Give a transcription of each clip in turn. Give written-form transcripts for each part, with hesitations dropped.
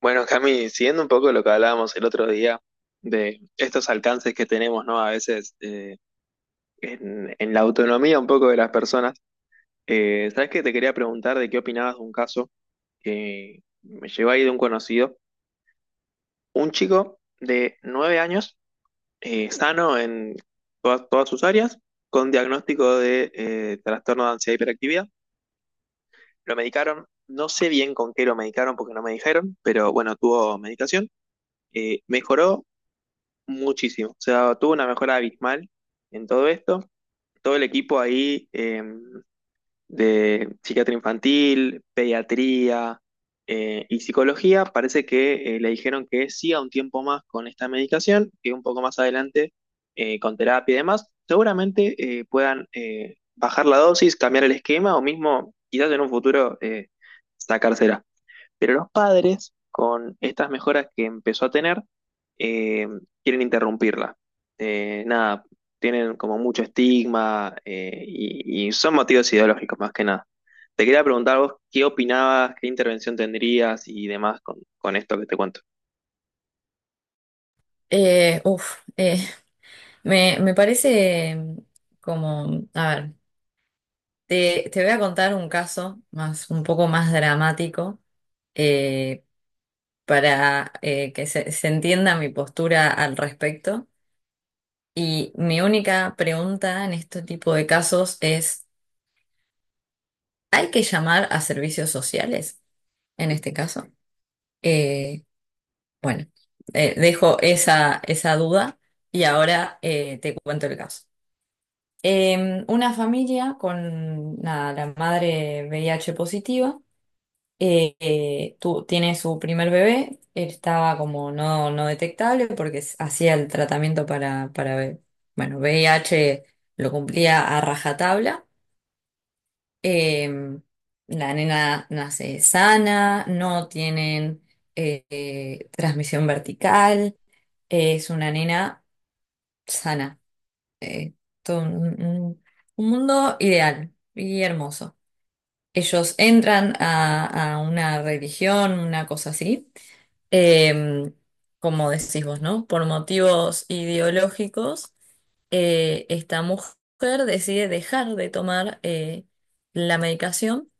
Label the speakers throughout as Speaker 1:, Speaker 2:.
Speaker 1: Bueno, Cami, siguiendo un poco lo que hablábamos el otro día de estos alcances que tenemos, ¿no? A veces en la autonomía un poco de las personas. ¿Sabes qué? Te quería preguntar de qué opinabas de un caso que me llegó ahí de un conocido. Un chico de 9 años, sano en todas sus áreas, con diagnóstico de trastorno de ansiedad y hiperactividad. Lo medicaron, no sé bien con qué lo medicaron porque no me dijeron, pero bueno, tuvo medicación. Mejoró muchísimo. O sea, tuvo una mejora abismal en todo esto. Todo el equipo ahí de psiquiatría infantil, pediatría y psicología, parece que le dijeron que siga un tiempo más con esta medicación, que un poco más adelante con terapia y demás, seguramente puedan bajar la dosis, cambiar el esquema o mismo quizás en un futuro sacársela. Pero los padres, con estas mejoras que empezó a tener, eh, quieren interrumpirla. Nada, tienen como mucho estigma y son motivos ideológicos más que nada. Te quería preguntar vos qué opinabas, qué intervención tendrías y demás con esto que te cuento.
Speaker 2: Uf, me parece como, a ver, te voy a contar un caso más, un poco más dramático, eh, para que se entienda mi postura al respecto. Y mi única pregunta en este tipo de casos es, ¿hay que llamar a servicios sociales en este caso? Eh, bueno, dejo esa duda y ahora te cuento el caso. Una familia con nada, la madre VIH positiva, tiene su primer bebé. Él estaba como no, no detectable porque hacía el tratamiento para VIH. Lo cumplía a rajatabla. Em, la nena nace sana, no tienen, transmisión vertical, es una nena sana. eh, Todo un mundo ideal y hermoso. Ellos entran a una religión, una cosa así, eh, como decís vos, ¿no? Por motivos ideológicos, esta mujer decide dejar de tomar la medicación.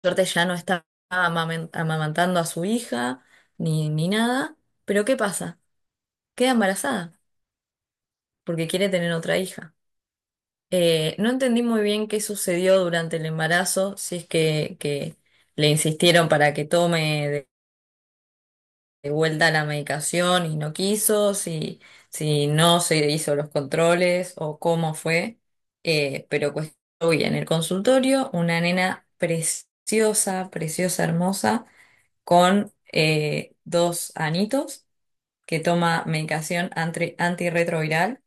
Speaker 2: Por suerte ya no está amamantando a su hija ni nada, pero ¿qué pasa? Queda embarazada porque quiere tener otra hija. No entendí muy bien qué sucedió durante el embarazo, si es que le insistieron para que tome de vuelta la medicación y no quiso, si, si no se hizo los controles o cómo fue. Pero pues hoy en el consultorio una nena preciosa, preciosa, hermosa, con, dos anitos, que toma medicación antirretroviral,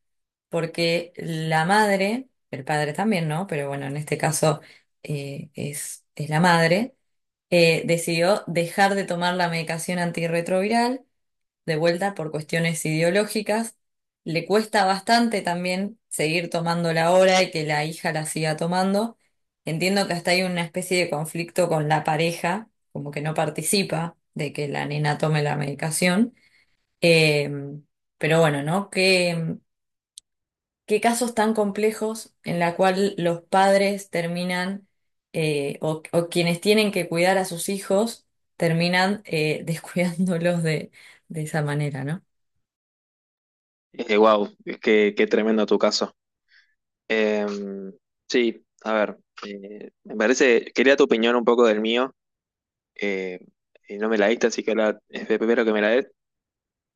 Speaker 2: porque la madre, el padre también, ¿no? Pero bueno, en este caso, es la madre, decidió dejar de tomar la medicación antirretroviral, de vuelta por cuestiones ideológicas. Le cuesta bastante también seguir tomándola ahora y que la hija la siga tomando. Entiendo que hasta hay una especie de conflicto con la pareja, como que no participa de que la nena tome la medicación. Eh, pero bueno, ¿no? Qué, qué casos tan complejos, en la cual los padres terminan, o quienes tienen que cuidar a sus hijos, terminan, descuidándolos de esa manera, ¿no?
Speaker 1: Wow, qué tremendo tu caso. Eh, sí, a ver, me parece, quería tu opinión un poco del mío, eh, y no me la diste, así que ahora es primero que me la des.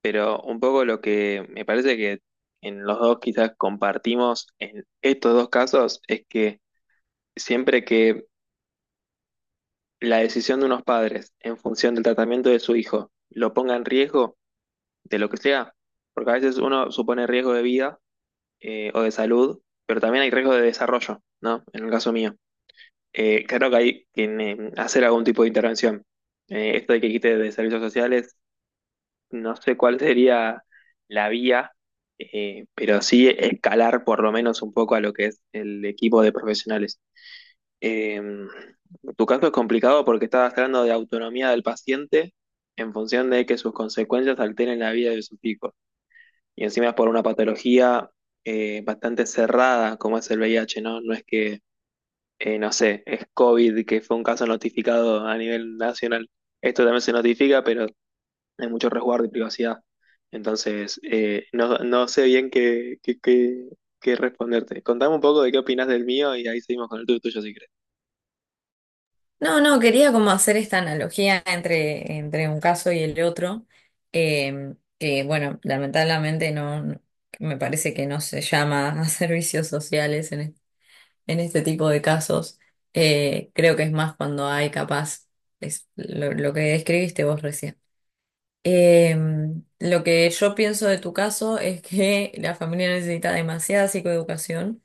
Speaker 1: Pero un poco lo que me parece que en los dos quizás compartimos en estos dos casos es que siempre que la decisión de unos padres en función del tratamiento de su hijo lo ponga en riesgo de lo que sea, porque a veces uno supone riesgo de vida o de salud, pero también hay riesgo de desarrollo, ¿no? En el caso mío. Claro que hay que hacer algún tipo de intervención. Esto de que quite de servicios sociales no sé cuál sería la vía, pero sí escalar por lo menos un poco a lo que es el equipo de profesionales. Eh, Tu caso es complicado porque estás hablando de autonomía del paciente en función de que sus consecuencias alteren la vida de sus hijos. Y encima es por una patología bastante cerrada como es el VIH, ¿no? No es que, no sé, es COVID, que fue un caso notificado a nivel nacional. Esto también se notifica, pero hay mucho resguardo y privacidad. Entonces, no, no sé bien qué responderte. Contame un poco de qué opinas del mío y ahí seguimos con el tuyo, tuyo, si querés.
Speaker 2: No, no, quería como hacer esta analogía entre, entre un caso y el otro. Que bueno, lamentablemente me parece que no se llama a servicios sociales en este tipo de casos. Creo que es más cuando hay, capaz, es lo que describiste vos recién. Lo que yo pienso de tu caso es que la familia necesita demasiada psicoeducación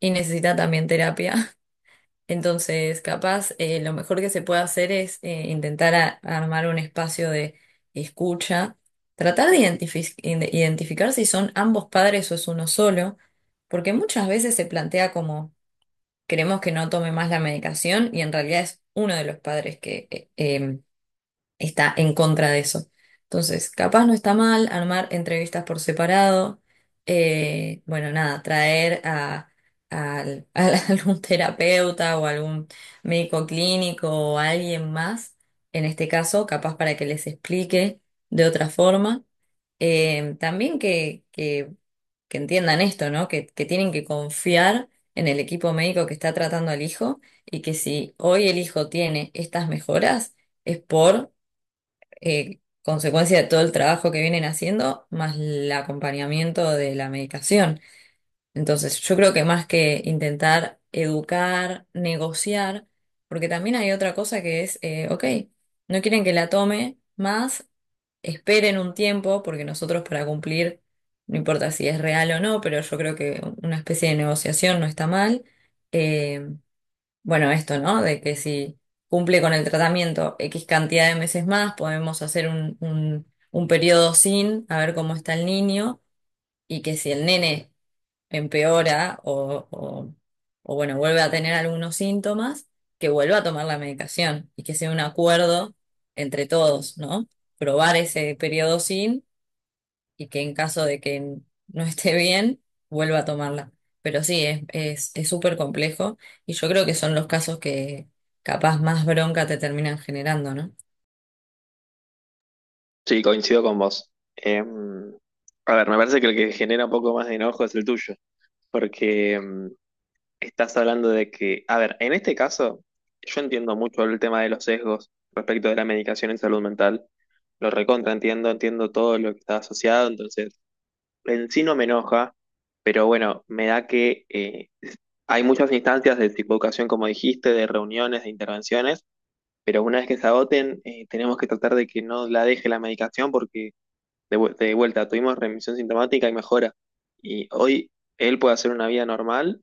Speaker 2: y necesita también terapia. Entonces, capaz, lo mejor que se puede hacer es, intentar armar un espacio de escucha, tratar de identificar si son ambos padres o es uno solo, porque muchas veces se plantea como queremos que no tome más la medicación, y en realidad es uno de los padres que, está en contra de eso. Entonces, capaz no está mal armar entrevistas por separado. Bueno, nada, traer a algún terapeuta o algún médico clínico o alguien más, en este caso, capaz, para que les explique de otra forma. También que, que entiendan esto, ¿no? Que tienen que confiar en el equipo médico que está tratando al hijo, y que si hoy el hijo tiene estas mejoras, es por, consecuencia de todo el trabajo que vienen haciendo, más el acompañamiento de la medicación. Entonces, yo creo que más que intentar educar, negociar, porque también hay otra cosa que es, ok, no quieren que la tome, más esperen un tiempo, porque nosotros para cumplir, no importa si es real o no, pero yo creo que una especie de negociación no está mal. Eh, bueno, esto, ¿no? De que si cumple con el tratamiento X cantidad de meses más, podemos hacer un periodo sin, a ver cómo está el niño. Y que si el nene empeora o, bueno, vuelve a tener algunos síntomas, que vuelva a tomar la medicación, y que sea un acuerdo entre todos, ¿no? Probar ese periodo sin, y que en caso de que no esté bien, vuelva a tomarla. Pero sí, es, es súper complejo, y yo creo que son los casos que capaz más bronca te terminan generando, ¿no?
Speaker 1: Sí, coincido con vos. Em, a ver, me parece que el que genera un poco más de enojo es el tuyo, porque em, estás hablando de que, a ver, en este caso, yo entiendo mucho el tema de los sesgos respecto de la medicación en salud mental. Lo recontra, entiendo, entiendo todo lo que está asociado, entonces en sí no me enoja, pero bueno, me da que hay muchas instancias de psicoeducación, como dijiste, de reuniones, de intervenciones, pero una vez que se agoten, tenemos que tratar de que no la deje la medicación porque de vuelta tuvimos remisión sintomática y mejora. Y hoy él puede hacer una vida normal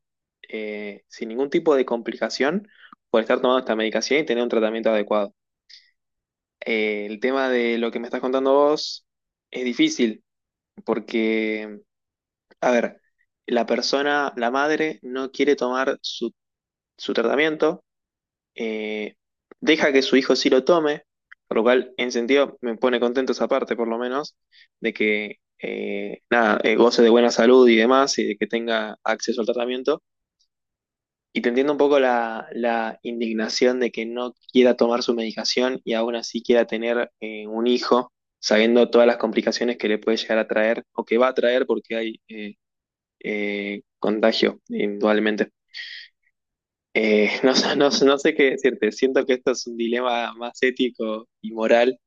Speaker 1: sin ningún tipo de complicación por estar tomando esta medicación y tener un tratamiento adecuado. El tema de lo que me estás contando vos es difícil porque, a ver, la persona, la madre, no quiere tomar su tratamiento eh, deja que su hijo sí lo tome, por lo cual en sentido me pone contento esa parte por lo menos, de que nada, goce de buena salud y demás y de que tenga acceso al tratamiento. Y te entiendo un poco la, la indignación de que no quiera tomar su medicación y aún así quiera tener un hijo, sabiendo todas las complicaciones que le puede llegar a traer o que va a traer porque hay contagio, indudablemente. No sé qué decirte, siento que esto es un dilema más ético y moral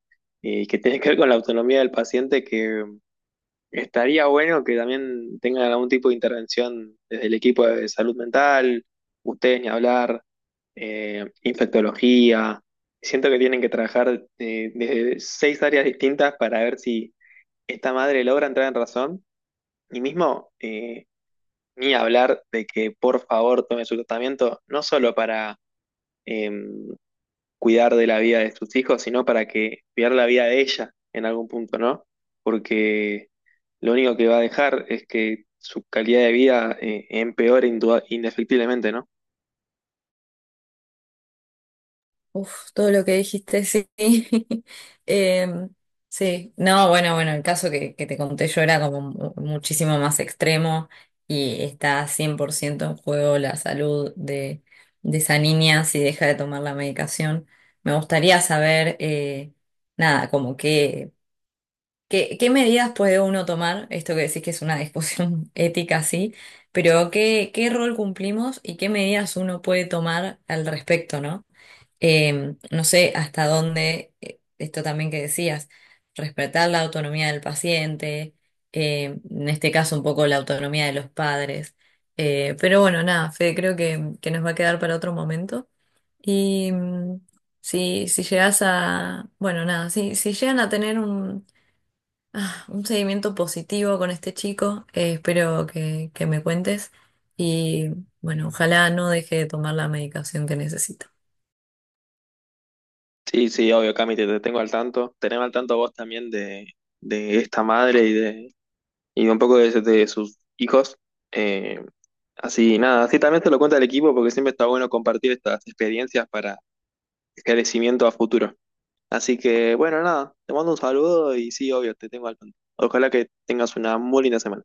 Speaker 1: que tiene que ver con la autonomía del paciente, que estaría bueno que también tengan algún tipo de intervención desde el equipo de salud mental, ustedes ni hablar, infectología. Siento que tienen que trabajar desde 6 áreas distintas para ver si esta madre logra entrar en razón y mismo ni hablar de que por favor tome su tratamiento, no solo para em, cuidar de la vida de sus hijos, sino para que cuidar la vida de ella en algún punto, ¿no? Porque lo único que va a dejar es que su calidad de vida empeore indefectiblemente, ¿no?
Speaker 2: Uf, todo lo que dijiste, sí. Em, sí, no, bueno, bueno, el caso que te conté yo era como muchísimo más extremo, y está 100% en juego la salud de esa niña, si deja de tomar la medicación. Me gustaría saber, nada, como que, ¿qué, qué medidas puede uno tomar? Esto que decís que es una discusión ética, sí, pero ¿qué, qué rol cumplimos y qué medidas uno puede tomar al respecto, ¿no? No sé hasta dónde, esto también que decías, respetar la autonomía del paciente, en este caso un poco la autonomía de los padres. Pero bueno, nada, Fede, creo que nos va a quedar para otro momento. Y si, si llegas a, bueno, nada, si llegan a tener un, un seguimiento positivo con este chico. Espero que me cuentes. Y bueno, ojalá no deje de tomar la medicación que necesita.
Speaker 1: Sí, sí, obvio, Cami, te tengo al tanto. Tenemos al tanto vos también de esta madre y de, y un poco de sus hijos. Eh, Así, nada, así también te lo cuenta el equipo porque siempre está bueno compartir estas experiencias para esclarecimiento a futuro. Así que, bueno, nada, te mando un saludo y sí, obvio, te tengo al tanto. Ojalá que tengas una muy linda semana.